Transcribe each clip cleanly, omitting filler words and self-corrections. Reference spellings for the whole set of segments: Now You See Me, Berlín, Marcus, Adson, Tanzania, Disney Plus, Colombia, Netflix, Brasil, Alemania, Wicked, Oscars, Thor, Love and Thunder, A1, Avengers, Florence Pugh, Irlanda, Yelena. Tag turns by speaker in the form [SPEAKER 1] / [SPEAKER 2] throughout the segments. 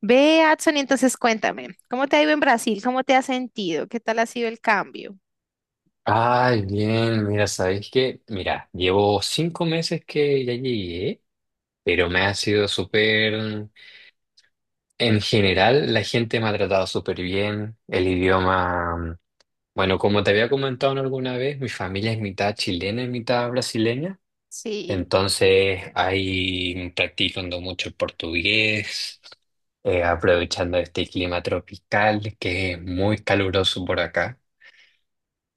[SPEAKER 1] Ve, Adson, y entonces cuéntame, ¿cómo te ha ido en Brasil? ¿Cómo te has sentido? ¿Qué tal ha sido el cambio?
[SPEAKER 2] Ay, bien, mira, ¿sabéis qué? Mira, llevo 5 meses que ya llegué, pero me ha sido súper. En general, la gente me ha tratado súper bien, el idioma. Bueno, como te había comentado en alguna vez, mi familia es mitad chilena y mitad brasileña,
[SPEAKER 1] Sí,
[SPEAKER 2] entonces ahí practicando mucho el portugués, aprovechando este clima tropical que es muy caluroso por acá.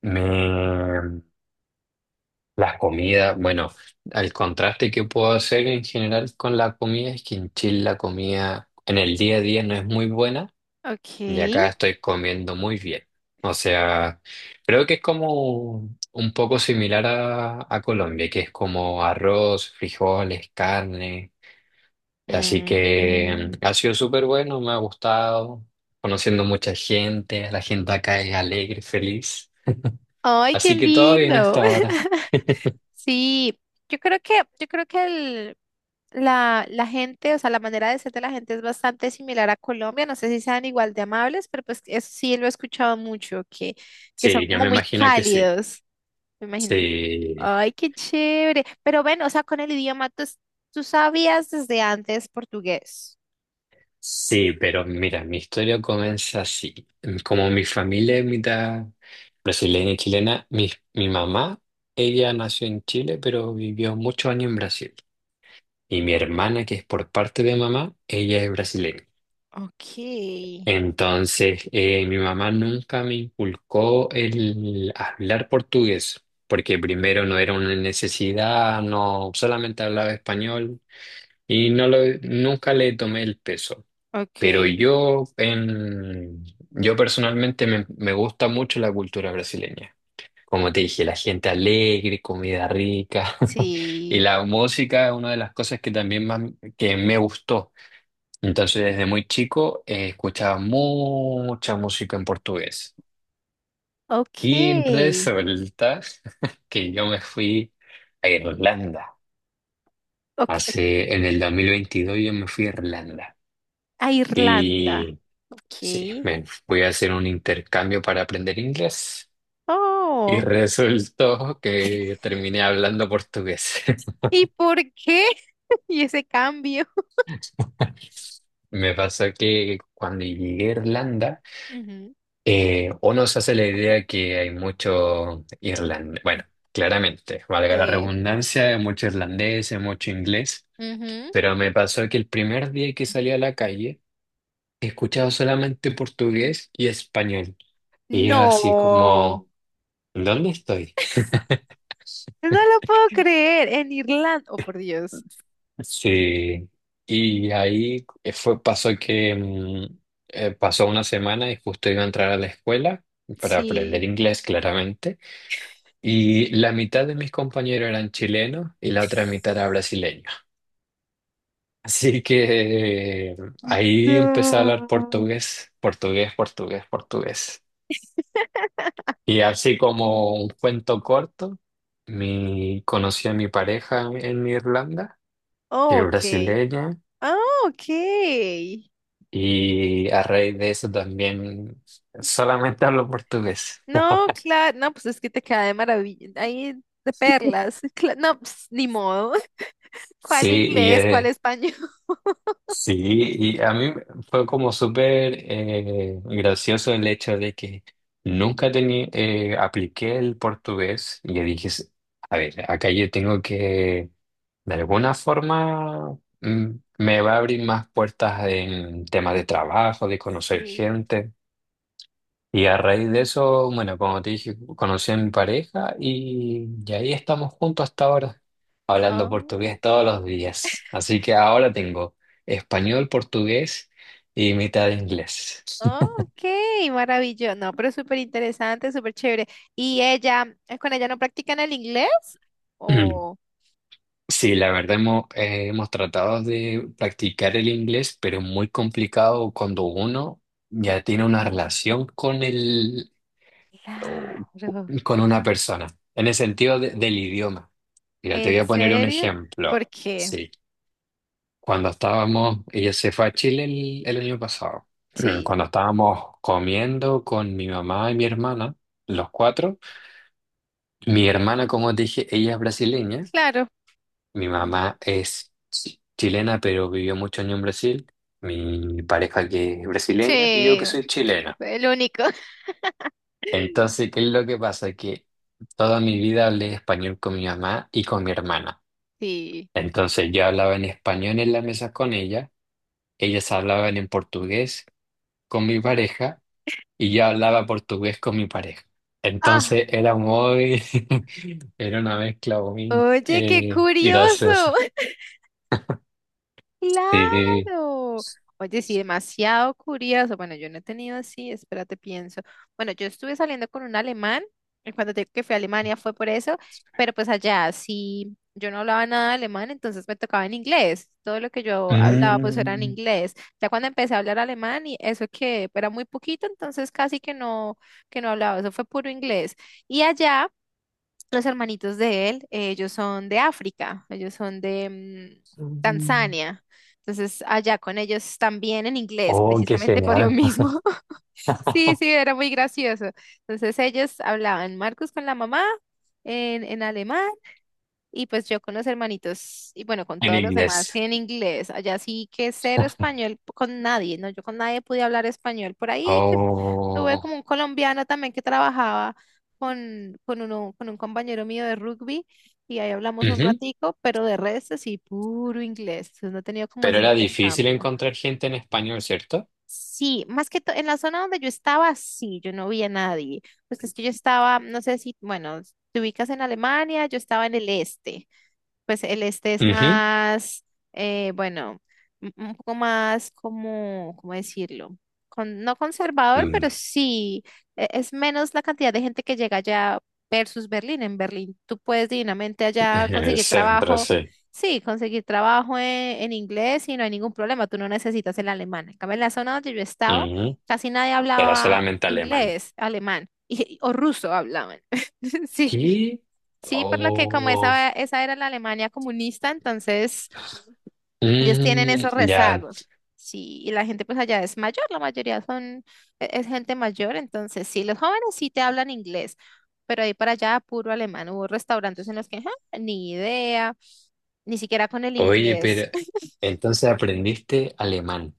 [SPEAKER 2] Me, Las comidas, bueno, el contraste que puedo hacer en general con la comida es que en Chile la comida en el día a día no es muy buena y acá
[SPEAKER 1] ok.
[SPEAKER 2] estoy comiendo muy bien. O sea, creo que es como un poco similar a Colombia, que es como arroz, frijoles, carne. Así que
[SPEAKER 1] Mm.
[SPEAKER 2] ha sido súper bueno, me ha gustado, conociendo mucha gente, la gente acá es alegre, feliz.
[SPEAKER 1] Ay, qué
[SPEAKER 2] Así que todo bien
[SPEAKER 1] lindo.
[SPEAKER 2] hasta ahora.
[SPEAKER 1] Sí, yo creo que la gente, o sea, la manera de ser de la gente es bastante similar a Colombia. No sé si sean igual de amables, pero pues eso sí lo he escuchado mucho, que son
[SPEAKER 2] Sí, yo
[SPEAKER 1] como
[SPEAKER 2] me
[SPEAKER 1] muy
[SPEAKER 2] imagino que sí.
[SPEAKER 1] cálidos, me imagino.
[SPEAKER 2] Sí,
[SPEAKER 1] Ay, qué chévere. Pero bueno, o sea, con el idioma, tú sabías desde antes portugués.
[SPEAKER 2] sí, pero mira, mi historia comienza así. Como mi familia es mitad brasileña y chilena, mi mamá, ella nació en Chile, pero vivió muchos años en Brasil. Y mi hermana, que es por parte de mamá, ella es brasileña.
[SPEAKER 1] Okay,
[SPEAKER 2] Entonces, mi mamá nunca me inculcó el hablar portugués, porque primero no era una necesidad, no solamente hablaba español y nunca le tomé el peso. Pero
[SPEAKER 1] okay,
[SPEAKER 2] yo personalmente me gusta mucho la cultura brasileña. Como te dije, la gente alegre, comida rica y
[SPEAKER 1] sí,
[SPEAKER 2] la música es una de las cosas que también más que me gustó. Entonces, desde muy chico escuchaba mucha música en portugués. Y
[SPEAKER 1] Okay.
[SPEAKER 2] resulta que yo me fui a Irlanda.
[SPEAKER 1] Okay,
[SPEAKER 2] En el 2022 yo me fui a Irlanda.
[SPEAKER 1] a Irlanda.
[SPEAKER 2] y Sí,
[SPEAKER 1] Okay.
[SPEAKER 2] me voy a hacer un intercambio para aprender inglés y
[SPEAKER 1] Oh.
[SPEAKER 2] resultó que terminé hablando portugués.
[SPEAKER 1] ¿Y por qué? ¿Y ese cambio?
[SPEAKER 2] Me pasó que cuando llegué a Irlanda,
[SPEAKER 1] Ujú,
[SPEAKER 2] uno se hace la idea que hay mucho irlandés, bueno, claramente, valga la
[SPEAKER 1] eh,
[SPEAKER 2] redundancia, mucho irlandés, mucho inglés,
[SPEAKER 1] ujú,
[SPEAKER 2] pero me pasó que el primer día que salí a la calle, he escuchado solamente portugués y español. Y yo así
[SPEAKER 1] no.
[SPEAKER 2] como, ¿dónde estoy?
[SPEAKER 1] No lo puedo creer. En Irlanda. Oh, por Dios.
[SPEAKER 2] Sí, y ahí pasó que pasó una semana y justo iba a entrar a la escuela para aprender
[SPEAKER 1] Sí,
[SPEAKER 2] inglés claramente, y la mitad de mis compañeros eran chilenos y la otra mitad era brasileña. Así que ahí empecé a hablar
[SPEAKER 1] no.
[SPEAKER 2] portugués, portugués, portugués, portugués. Y así como un cuento corto, conocí a mi pareja en Irlanda, que
[SPEAKER 1] Oh,
[SPEAKER 2] es
[SPEAKER 1] ok.
[SPEAKER 2] brasileña.
[SPEAKER 1] Ah, okay.
[SPEAKER 2] Y a raíz de eso también solamente hablo portugués.
[SPEAKER 1] No, claro, no, pues es que te queda de maravilla, ahí de perlas. No, pues, ni modo.
[SPEAKER 2] Sí,
[SPEAKER 1] ¿Cuál
[SPEAKER 2] y,
[SPEAKER 1] inglés? ¿Cuál
[SPEAKER 2] eh,
[SPEAKER 1] español?
[SPEAKER 2] sí, y a mí fue como súper gracioso el hecho de que nunca tenía, apliqué el portugués y yo dije, a ver, acá yo tengo que, de alguna forma, me va a abrir más puertas en temas de trabajo, de conocer
[SPEAKER 1] Sí.
[SPEAKER 2] gente. Y a raíz de eso, bueno, como te dije, conocí a mi pareja y ahí estamos juntos hasta ahora, hablando
[SPEAKER 1] Oh,
[SPEAKER 2] portugués todos los días. Así que ahora tengo español, portugués y mitad de inglés.
[SPEAKER 1] oh, ok, maravilloso. No, pero súper interesante, súper chévere. ¿Y ella, con ella no practican el inglés? Oh,
[SPEAKER 2] Sí, la verdad hemos tratado de practicar el inglés, pero es muy complicado cuando uno ya tiene una relación o-
[SPEAKER 1] claro.
[SPEAKER 2] con una persona, en el sentido del idioma. Mira, te voy
[SPEAKER 1] ¿En
[SPEAKER 2] a poner un
[SPEAKER 1] serio?
[SPEAKER 2] ejemplo.
[SPEAKER 1] ¿Por qué?
[SPEAKER 2] Sí. Cuando estábamos, ella se fue a Chile el año pasado.
[SPEAKER 1] Sí,
[SPEAKER 2] Cuando estábamos comiendo con mi mamá y mi hermana, los cuatro, mi hermana, como te dije, ella es brasileña,
[SPEAKER 1] claro.
[SPEAKER 2] mi
[SPEAKER 1] Mm,
[SPEAKER 2] mamá es chilena, pero vivió muchos años en Brasil, mi pareja que es brasileña y yo que
[SPEAKER 1] sí,
[SPEAKER 2] soy chilena.
[SPEAKER 1] el único.
[SPEAKER 2] Entonces, ¿qué es lo que pasa? Que toda mi vida hablé español con mi mamá y con mi hermana.
[SPEAKER 1] Sí.
[SPEAKER 2] Entonces, yo hablaba en español en la mesa con ella, ellas hablaban en portugués con mi pareja, y yo hablaba portugués con mi pareja.
[SPEAKER 1] Ah,
[SPEAKER 2] Entonces era muy, era una mezcla muy
[SPEAKER 1] oye, qué curioso.
[SPEAKER 2] graciosa. Sí.
[SPEAKER 1] Claro. Oye, sí, demasiado curioso. Bueno, yo no he tenido así, espérate, pienso. Bueno, yo estuve saliendo con un alemán, y cuando te digo que fui a Alemania fue por eso, pero pues allá sí, yo no hablaba nada de alemán, entonces me tocaba en inglés. Todo lo que yo hablaba pues era en
[SPEAKER 2] Mm.
[SPEAKER 1] inglés. Ya cuando empecé a hablar alemán y eso que era muy poquito, entonces casi que no hablaba, eso fue puro inglés. Y allá... Los hermanitos de él, ellos son de África, ellos son de
[SPEAKER 2] Mm.
[SPEAKER 1] Tanzania. Entonces, allá con ellos también en inglés,
[SPEAKER 2] Oh, qué
[SPEAKER 1] precisamente por lo
[SPEAKER 2] genial.
[SPEAKER 1] mismo. Sí, sí, era muy gracioso. Entonces, ellos hablaban Marcus con la mamá en alemán y pues yo con los hermanitos y bueno, con
[SPEAKER 2] En
[SPEAKER 1] todos los demás
[SPEAKER 2] inglés.
[SPEAKER 1] sí, en inglés. Allá sí que cero español con nadie, ¿no? Yo con nadie pude hablar español. Por ahí que tuve
[SPEAKER 2] Oh.
[SPEAKER 1] como un colombiano también que trabajaba con uno, con un compañero mío de rugby y ahí hablamos un
[SPEAKER 2] Ujú.
[SPEAKER 1] ratico, pero de resto sí, puro inglés. Entonces no he tenido como
[SPEAKER 2] Pero
[SPEAKER 1] ese
[SPEAKER 2] era difícil
[SPEAKER 1] intercambio.
[SPEAKER 2] encontrar gente en español, ¿cierto?
[SPEAKER 1] Sí, más que todo en la zona donde yo estaba, sí, yo no vi a nadie. Pues es que yo estaba, no sé si, bueno, te ubicas en Alemania, yo estaba en el este, pues el este es
[SPEAKER 2] Ujú.
[SPEAKER 1] más, bueno, un poco más como, ¿cómo decirlo? Con, no conservador, pero
[SPEAKER 2] Mm.
[SPEAKER 1] sí, es menos la cantidad de gente que llega allá versus Berlín. En Berlín tú puedes divinamente allá conseguir
[SPEAKER 2] Siempre
[SPEAKER 1] trabajo,
[SPEAKER 2] sí.
[SPEAKER 1] sí, conseguir trabajo en inglés y no hay ningún problema, tú no necesitas el alemán. En cambio, en la zona donde yo estaba,
[SPEAKER 2] Ujú.
[SPEAKER 1] casi nadie
[SPEAKER 2] Era
[SPEAKER 1] hablaba
[SPEAKER 2] solamente alemán.
[SPEAKER 1] inglés, alemán o ruso hablaban. Sí.
[SPEAKER 2] ¿Qué?
[SPEAKER 1] Sí, por lo que como
[SPEAKER 2] Oh.
[SPEAKER 1] esa era la Alemania comunista, entonces ellos tienen
[SPEAKER 2] Mm,
[SPEAKER 1] esos
[SPEAKER 2] ya.
[SPEAKER 1] rezagos. Sí, y la gente pues allá es mayor, la mayoría son, es gente mayor, entonces sí, los jóvenes sí te hablan inglés, pero ahí para allá puro alemán. Hubo restaurantes en los que, "Ja, ni idea, ni siquiera con el
[SPEAKER 2] Oye,
[SPEAKER 1] inglés.
[SPEAKER 2] pero entonces aprendiste alemán.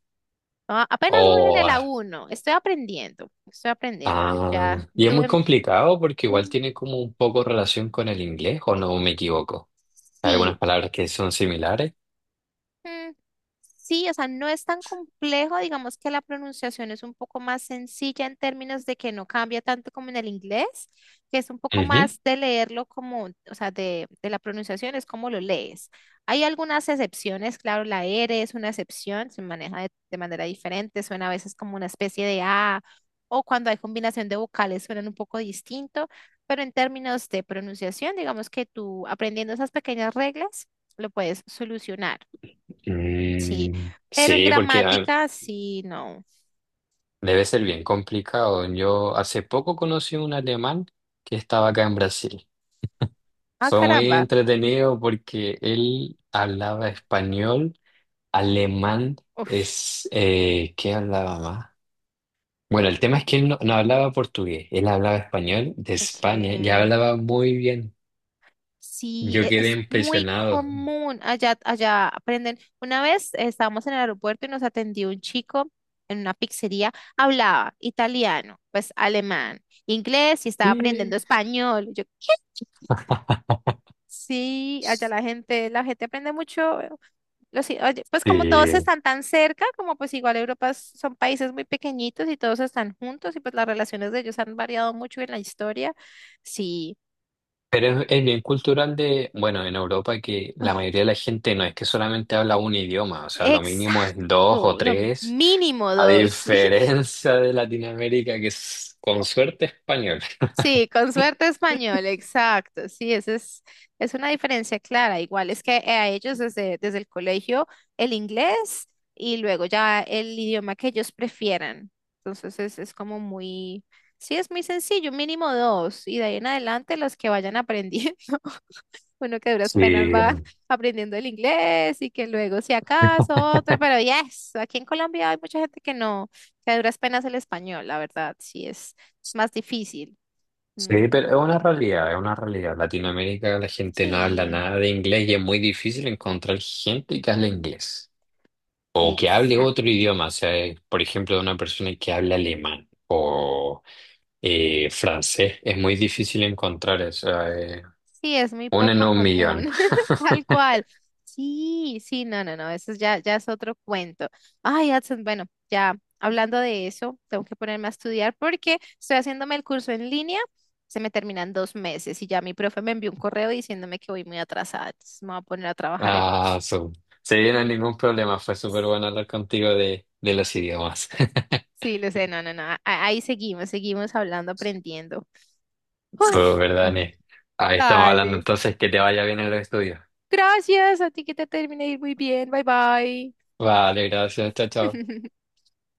[SPEAKER 1] "Ah, apenas voy en
[SPEAKER 2] Oh,
[SPEAKER 1] el
[SPEAKER 2] ah,
[SPEAKER 1] A1, estoy aprendiendo, estoy aprendiéndolo.
[SPEAKER 2] ah.
[SPEAKER 1] Ya
[SPEAKER 2] Y es muy
[SPEAKER 1] tuve,
[SPEAKER 2] complicado porque igual
[SPEAKER 1] mm,
[SPEAKER 2] tiene como un poco relación con el inglés, ¿o no me equivoco? Hay algunas
[SPEAKER 1] sí,
[SPEAKER 2] palabras que son similares.
[SPEAKER 1] mm, sí, o sea, no es tan complejo, digamos que la pronunciación es un poco más sencilla en términos de que no cambia tanto como en el inglés, que es un poco
[SPEAKER 2] Ujú.
[SPEAKER 1] más de leerlo como, o sea, de la pronunciación es como lo lees. Hay algunas excepciones, claro, la R es una excepción, se maneja de manera diferente, suena a veces como una especie de A, o cuando hay combinación de vocales suenan un poco distinto, pero en términos de pronunciación, digamos que tú aprendiendo esas pequeñas reglas, lo puedes solucionar. Sí,
[SPEAKER 2] Mm,
[SPEAKER 1] pero en
[SPEAKER 2] sí, porque
[SPEAKER 1] gramática sí, no.
[SPEAKER 2] debe ser bien complicado. Yo hace poco conocí un alemán que estaba acá en Brasil.
[SPEAKER 1] Ah,
[SPEAKER 2] Fue muy
[SPEAKER 1] caramba.
[SPEAKER 2] entretenido porque él hablaba español. Alemán
[SPEAKER 1] Uf,
[SPEAKER 2] es. ¿Qué hablaba más? Bueno, el tema es que él no hablaba portugués, él hablaba español de España, ya
[SPEAKER 1] ok.
[SPEAKER 2] hablaba muy bien.
[SPEAKER 1] Sí,
[SPEAKER 2] Yo quedé
[SPEAKER 1] es muy
[SPEAKER 2] impresionado.
[SPEAKER 1] común. Allá, allá aprenden. Una vez estábamos en el aeropuerto y nos atendió un chico en una pizzería. Hablaba italiano, pues alemán, inglés y estaba aprendiendo
[SPEAKER 2] Eh,
[SPEAKER 1] español. Yo, ¿qué? Sí, allá la gente aprende mucho. Oye, pues
[SPEAKER 2] Sí.
[SPEAKER 1] como todos están tan cerca, como pues igual Europa son países muy pequeñitos y todos están juntos y pues las relaciones de ellos han variado mucho en la historia. Sí,
[SPEAKER 2] Pero es bien cultural bueno, en Europa que la mayoría de la gente no es que solamente habla un idioma, o sea, lo mínimo es dos o
[SPEAKER 1] exacto, lo
[SPEAKER 2] tres,
[SPEAKER 1] mínimo
[SPEAKER 2] a
[SPEAKER 1] dos, sí.
[SPEAKER 2] diferencia de Latinoamérica que es con suerte español.
[SPEAKER 1] Sí, con suerte español, exacto. Sí, esa es una diferencia clara. Igual es que a ellos desde el colegio el inglés y luego ya el idioma que ellos prefieran. Entonces es como muy, sí, es muy sencillo, mínimo dos. Y de ahí en adelante los que vayan aprendiendo, uno que a duras penas
[SPEAKER 2] Sí.
[SPEAKER 1] va aprendiendo el inglés y que luego si acaso otra, pero yes, aquí en Colombia hay mucha gente que no, que a duras penas el español, la verdad, sí es más difícil.
[SPEAKER 2] Sí,
[SPEAKER 1] Mm.
[SPEAKER 2] pero es una realidad, es una realidad. Latinoamérica la gente no habla
[SPEAKER 1] Sí,
[SPEAKER 2] nada de inglés y es muy difícil encontrar gente que hable inglés o que hable
[SPEAKER 1] exacto.
[SPEAKER 2] otro idioma, o sea, por ejemplo, una persona que hable alemán o francés, es muy difícil encontrar eso,
[SPEAKER 1] Sí, es muy
[SPEAKER 2] una en
[SPEAKER 1] poco
[SPEAKER 2] un
[SPEAKER 1] común,
[SPEAKER 2] millón.
[SPEAKER 1] tal cual. Sí, sí, no, no, no, eso es ya, ya es otro cuento. Ay, Adson, bueno, ya hablando de eso, tengo que ponerme a estudiar porque estoy haciéndome el curso en línea, se me terminan 2 meses y ya mi profe me envió un correo diciéndome que voy muy atrasada, entonces me voy a poner a trabajar en eso.
[SPEAKER 2] Ah, su. Se viene ningún problema, fue súper bueno hablar contigo de los idiomas.
[SPEAKER 1] Sí, lo sé, no, no, no, ahí seguimos, seguimos hablando, aprendiendo. Ay,
[SPEAKER 2] Súper,
[SPEAKER 1] bueno,
[SPEAKER 2] Dani. Ahí estamos hablando
[SPEAKER 1] dale.
[SPEAKER 2] entonces, que te vaya bien en los estudios.
[SPEAKER 1] Gracias, a ti que te termine de ir muy bien, bye bye.
[SPEAKER 2] Vale, gracias, chao, chao.